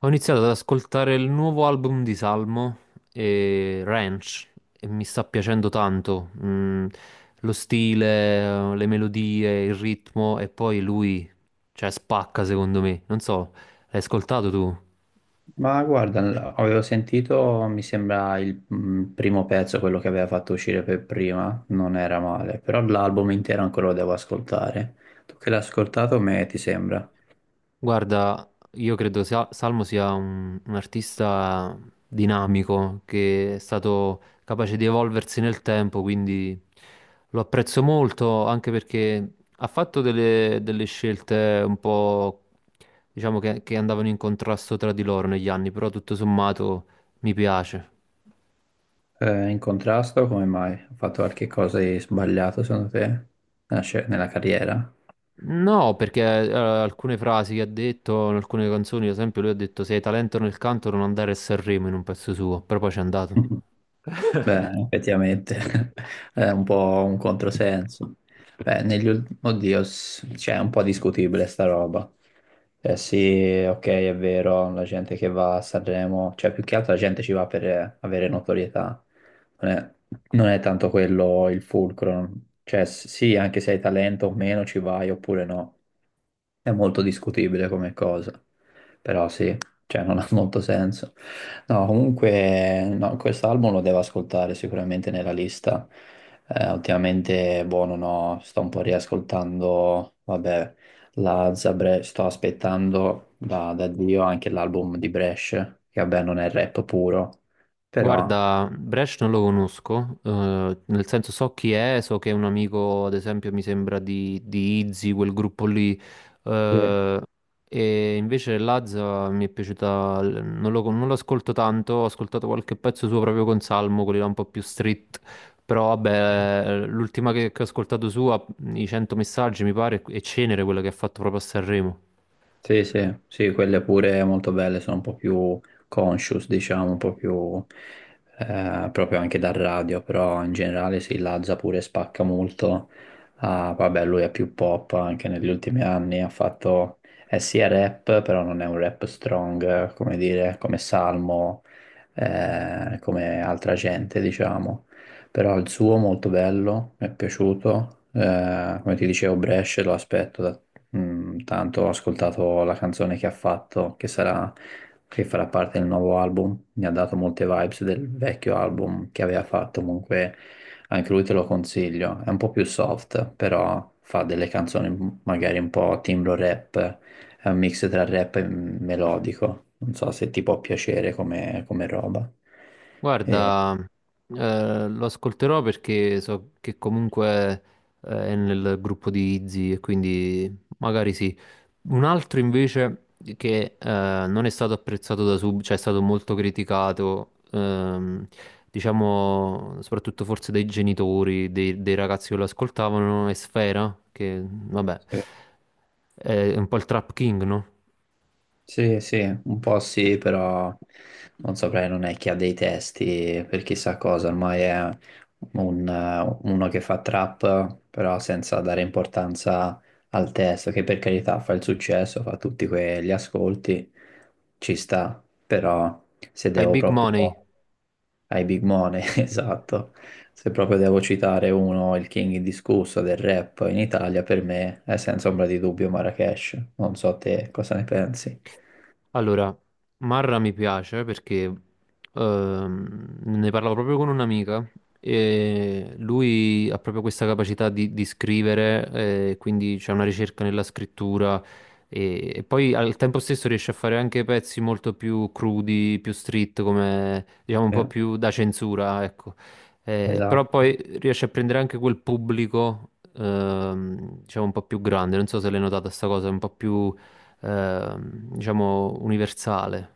Ho iniziato ad ascoltare il nuovo album di Salmo, e Ranch, e mi sta piacendo tanto. Lo stile, le melodie, il ritmo e poi lui, cioè, spacca secondo me. Non so, l'hai ascoltato tu? Ma guarda, avevo sentito, mi sembra il primo pezzo, quello che aveva fatto uscire per prima, non era male, però l'album intero ancora lo devo ascoltare. Tu che l'hai ascoltato, me ti sembra? Guarda, io credo Salmo sia un artista dinamico che è stato capace di evolversi nel tempo, quindi lo apprezzo molto anche perché ha fatto delle scelte un po', diciamo, che andavano in contrasto tra di loro negli anni, però tutto sommato mi piace. In contrasto, come mai? Ho fatto qualche cosa di sbagliato secondo te? Nella carriera? No, perché alcune frasi che ha detto in alcune canzoni, ad esempio, lui ha detto se hai talento nel canto non andare a Sanremo in un pezzo suo, però poi c'è andato. Beh, effettivamente è un po' un controsenso. Beh, Oddio, cioè, è un po' discutibile sta roba. Sì, ok, è vero, la gente che va a Sanremo, cioè più che altro la gente ci va per avere notorietà. Non è, non è tanto quello il fulcro. Cioè, sì, anche se hai talento o meno ci vai oppure no. È molto discutibile come cosa, però sì, cioè non ha molto senso. No, comunque no, quest'album lo devo ascoltare sicuramente nella lista. Ultimamente, boh, non ho- sto un po' riascoltando, vabbè, la Zabre, sto aspettando da Dio anche l'album di Brescia, che vabbè non è rap puro, però Guarda, Brescia non lo conosco, nel senso so chi è, so che è un amico, ad esempio, mi sembra di Izzy, quel gruppo lì, sì. eh, e invece Lazza mi è piaciuta, non lo ascolto tanto, ho ascoltato qualche pezzo suo proprio con Salmo, quelli là un po' più street, però Sì. vabbè, l'ultima che ho ascoltato sua, i 100 messaggi mi pare, è Cenere, quella che ha fatto proprio a Sanremo. Sì, sì, sì, quelle pure molto belle, sono un po' più conscious, diciamo, un po' più proprio anche dal radio, però in generale sì, Lazza pure spacca molto. Ah, vabbè, lui è più pop anche negli ultimi anni, ha fatto, è sia rap, però non è un rap strong, come dire, come Salmo, come altra gente, diciamo. Però il suo molto bello, mi è piaciuto. Come ti dicevo, Brescia lo aspetto da mm, tanto ho ascoltato la canzone che ha fatto, che sarà, che farà parte del nuovo album, mi ha dato molte vibes del vecchio album che aveva fatto, comunque anche lui te lo consiglio, è un po' più soft, però fa delle canzoni magari un po' timbro rap, è un mix tra rap e melodico, non so se ti può piacere come, come roba. E- Guarda, lo ascolterò perché so che comunque è nel gruppo di Izzy e quindi magari sì. Un altro invece che non è stato apprezzato da sub, cioè è stato molto criticato, diciamo soprattutto forse dai genitori, dei ragazzi che lo ascoltavano, è Sfera, che vabbè, sì. è un po' il trap king, no? Sì, sì, un po' sì, però non saprei, non è che ha dei testi per chissà cosa, ormai è un, uno che fa trap, però senza dare importanza al testo, che per carità fa il successo, fa tutti quegli ascolti, ci sta, però se Fai devo big proprio money. ai big money, esatto, se proprio devo citare uno, il king indiscusso del rap in Italia, per me è senza ombra di dubbio Marrakesh, non so te cosa ne pensi. Allora, Marra mi piace perché ne parlavo proprio con un'amica e lui ha proprio questa capacità di scrivere, quindi c'è una ricerca nella scrittura e poi al tempo stesso riesce a fare anche pezzi molto più crudi, più street, come diciamo un po' più da censura, ecco. Però Esatto. poi riesce a prendere anche quel pubblico, diciamo un po' più grande, non so se l'hai notata sta cosa, un po' più diciamo, universale.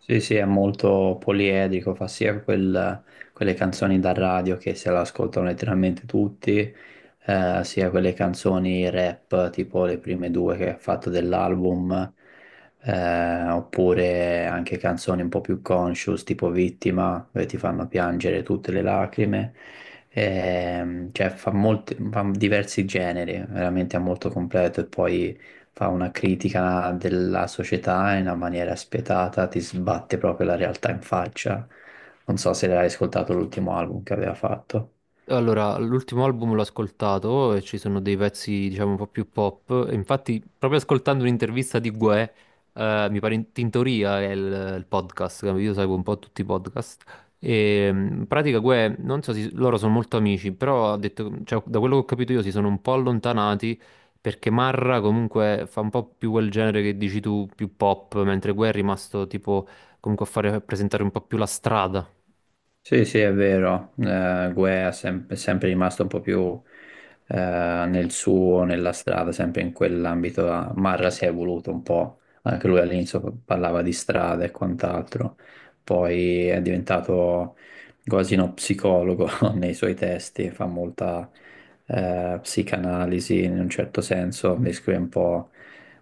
Sì, sì, è molto poliedrico, fa sia quelle canzoni da radio che se le ascoltano letteralmente tutti, sia quelle canzoni rap, tipo le prime due che ha fatto dell'album, oppure anche canzoni un po' più conscious, tipo Vittima, dove ti fanno piangere tutte le lacrime. Cioè fa diversi generi, veramente è molto completo e poi fa una critica della società in una maniera spietata, ti sbatte proprio la realtà in faccia. Non so se l'hai ascoltato l'ultimo album che aveva fatto. Allora, l'ultimo album l'ho ascoltato e ci sono dei pezzi, diciamo, un po' più pop. E infatti, proprio ascoltando un'intervista di Guè, mi pare in Tintoria è il podcast, che io seguo un po' tutti i podcast. E in pratica Guè, non so se loro sono molto amici, però ha detto, cioè, da quello che ho capito io si sono un po' allontanati perché Marra comunque fa un po' più quel genere che dici tu, più pop, mentre Guè è rimasto tipo comunque a fare a presentare un po' più la strada. Sì, sì, è vero. Guè è è sempre rimasto un po' più eh, nel suo, nella strada, sempre in quell'ambito là. Marra si è evoluto un po', anche lui all'inizio parlava di strada e quant'altro, poi è diventato quasi uno psicologo nei suoi testi, fa molta psicanalisi in un certo senso, descrive un po'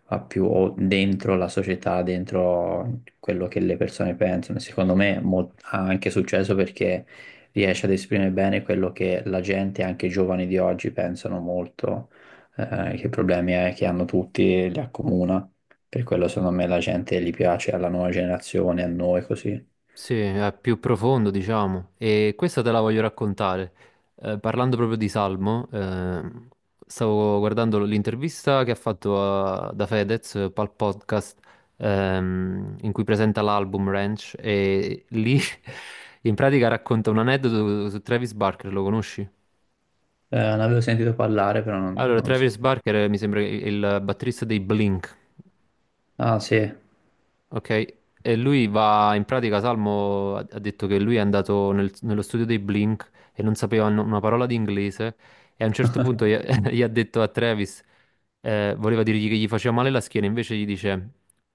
ha più o dentro la società, dentro quello che le persone pensano. E secondo me ha anche successo perché riesce ad esprimere bene quello che la gente, anche i giovani di oggi, pensano molto, che problemi è che hanno tutti, li accomuna. Per quello secondo me la gente gli piace, alla nuova generazione, a noi così. Sì, è più profondo, diciamo, e questa te la voglio raccontare. Parlando proprio di Salmo, stavo guardando l'intervista che ha fatto da Fedez al podcast in cui presenta l'album Ranch e lì in pratica racconta un aneddoto su Travis Barker, lo conosci? Ne avevo sentito parlare, però Allora, non so. Travis Barker mi sembra il batterista dei Blink. Ah, sì. Ok? E lui va, in pratica Salmo ha detto che lui è andato nello studio dei Blink e non sapeva una parola di inglese e a un certo punto gli, gli ha detto a Travis, voleva dirgli che gli faceva male la schiena, invece gli dice,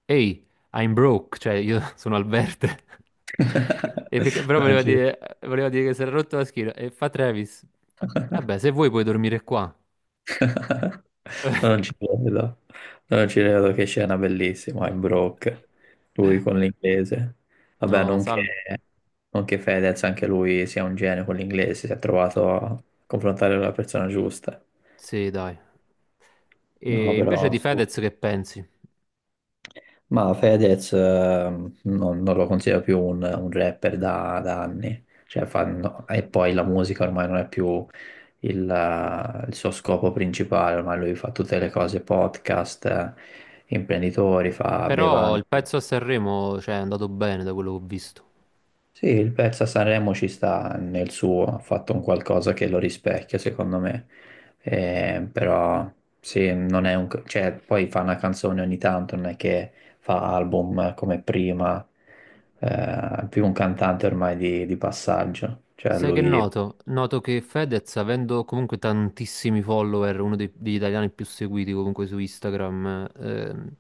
ehi, I'm broke, cioè io sono al verde. E però Non ci- voleva dire che si era rotto la schiena e fa Travis, vabbè, se vuoi puoi dormire qua. Non ci credo. No, non ci credo, che scena bellissima in Brock, lui con l'inglese. Vabbè, No, non che, Salmo, non che Fedez, anche lui sia un genio con l'inglese, si è trovato a confrontare la persona giusta. sì, dai. No, E invece però... di Fedez che pensi? Ma Fedez non lo considero più un rapper da, da anni. Cioè, no, e poi la musica ormai non è più il suo scopo principale, ormai lui fa tutte le cose, podcast, imprenditori, fa Però bevande. il pezzo a Sanremo, cioè, è andato bene da quello che ho visto. Sì, il pezzo a Sanremo ci sta nel suo, ha fatto un qualcosa che lo rispecchia, secondo me. Però sì, non è un... cioè, poi fa una canzone ogni tanto, non è che fa album come prima, eh, è più un cantante ormai di passaggio. Cioè, Sai che lui noto? Noto che Fedez, avendo comunque tantissimi follower, uno degli italiani più seguiti comunque su Instagram,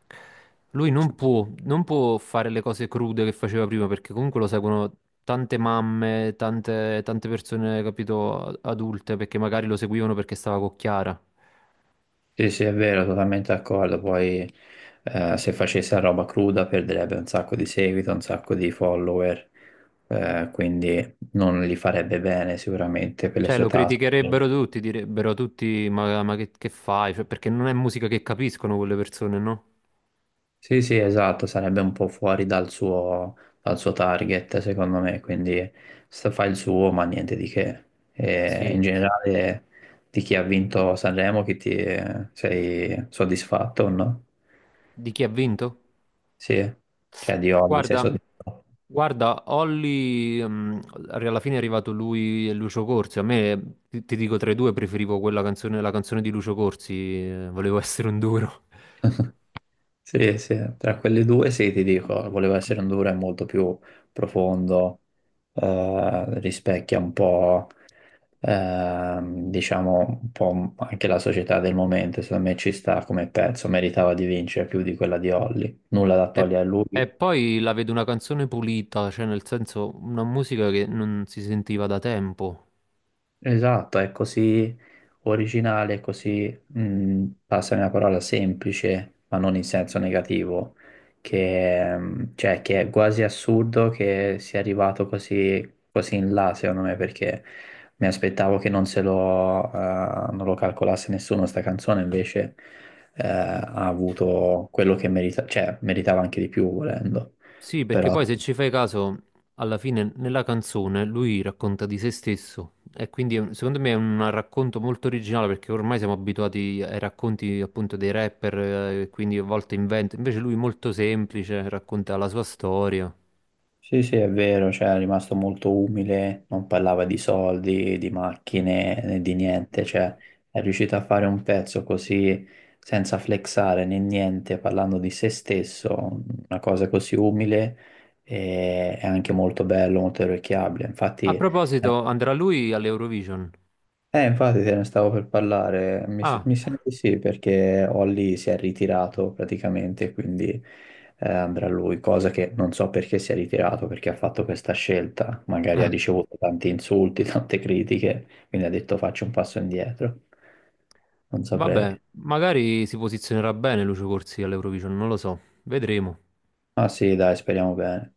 lui non può, non può fare le cose crude che faceva prima, perché comunque lo seguono tante mamme, tante persone, capito, adulte, perché magari lo seguivano perché stava con Chiara. sì, sì, è vero, totalmente d'accordo. Poi se facesse la roba cruda perderebbe un sacco di seguito, un sacco di follower, quindi non li farebbe bene sicuramente per le Cioè, sue lo tasse. criticherebbero tutti, direbbero tutti, ma che fai? Cioè, perché non è musica che capiscono quelle persone, no? Sì, sì, esatto, sarebbe un po' fuori dal suo target, secondo me, quindi fa il suo, ma niente di che. E in Sì, generale, di chi ha vinto Sanremo, chi ti sei soddisfatto o no? di chi ha vinto? Sì, cioè di Olli sei Guarda, soddisfatto. Olli, alla fine è arrivato lui e Lucio Corsi. A me, ti dico, tra i due preferivo quella canzone, la canzone di Lucio Corsi, volevo essere un duro. Sì, sì, tra quelle due sì, ti dico, voleva essere un Dura molto più profondo, rispecchia un po', diciamo, un po' anche la società del momento, secondo me ci sta come pezzo, meritava di vincere più di quella di Holly, nulla da E, togliere a e lui. poi la vedo una canzone pulita, cioè nel senso una musica che non si sentiva da tempo. Esatto, è così originale, è così, mm, passami una parola semplice, ma non in senso negativo, che, mm, cioè, che è quasi assurdo che sia arrivato così, così in là, secondo me, perché mi aspettavo che non se lo, non lo calcolasse nessuno sta canzone, invece, ha avuto quello che merita, cioè, meritava anche di più volendo, Sì, perché però poi se ci fai caso, alla fine nella canzone lui racconta di se stesso e quindi è secondo me è un racconto molto originale perché ormai siamo abituati ai racconti appunto dei rapper, quindi a volte inventa, invece lui molto semplice, racconta la sua storia. sì, sì, è vero, cioè è rimasto molto umile, non parlava di soldi, di macchine, né di niente, cioè è riuscito a fare un pezzo così senza flexare né niente, parlando di se stesso, una cosa così umile e è anche molto bello, molto orecchiabile. A Infatti è proposito, andrà lui all'Eurovision? Infatti te ne stavo per parlare, mi, Ah, mi sembra di sì, perché Holly si è ritirato praticamente, quindi andrà lui, cosa che non so perché si è ritirato, perché ha fatto questa scelta, magari ha ricevuto tanti insulti, tante critiche, quindi ha detto faccio un passo indietro, non vabbè, saprei. magari si posizionerà bene Lucio Corsi all'Eurovision, non lo so, vedremo. Ma sì, dai, speriamo bene.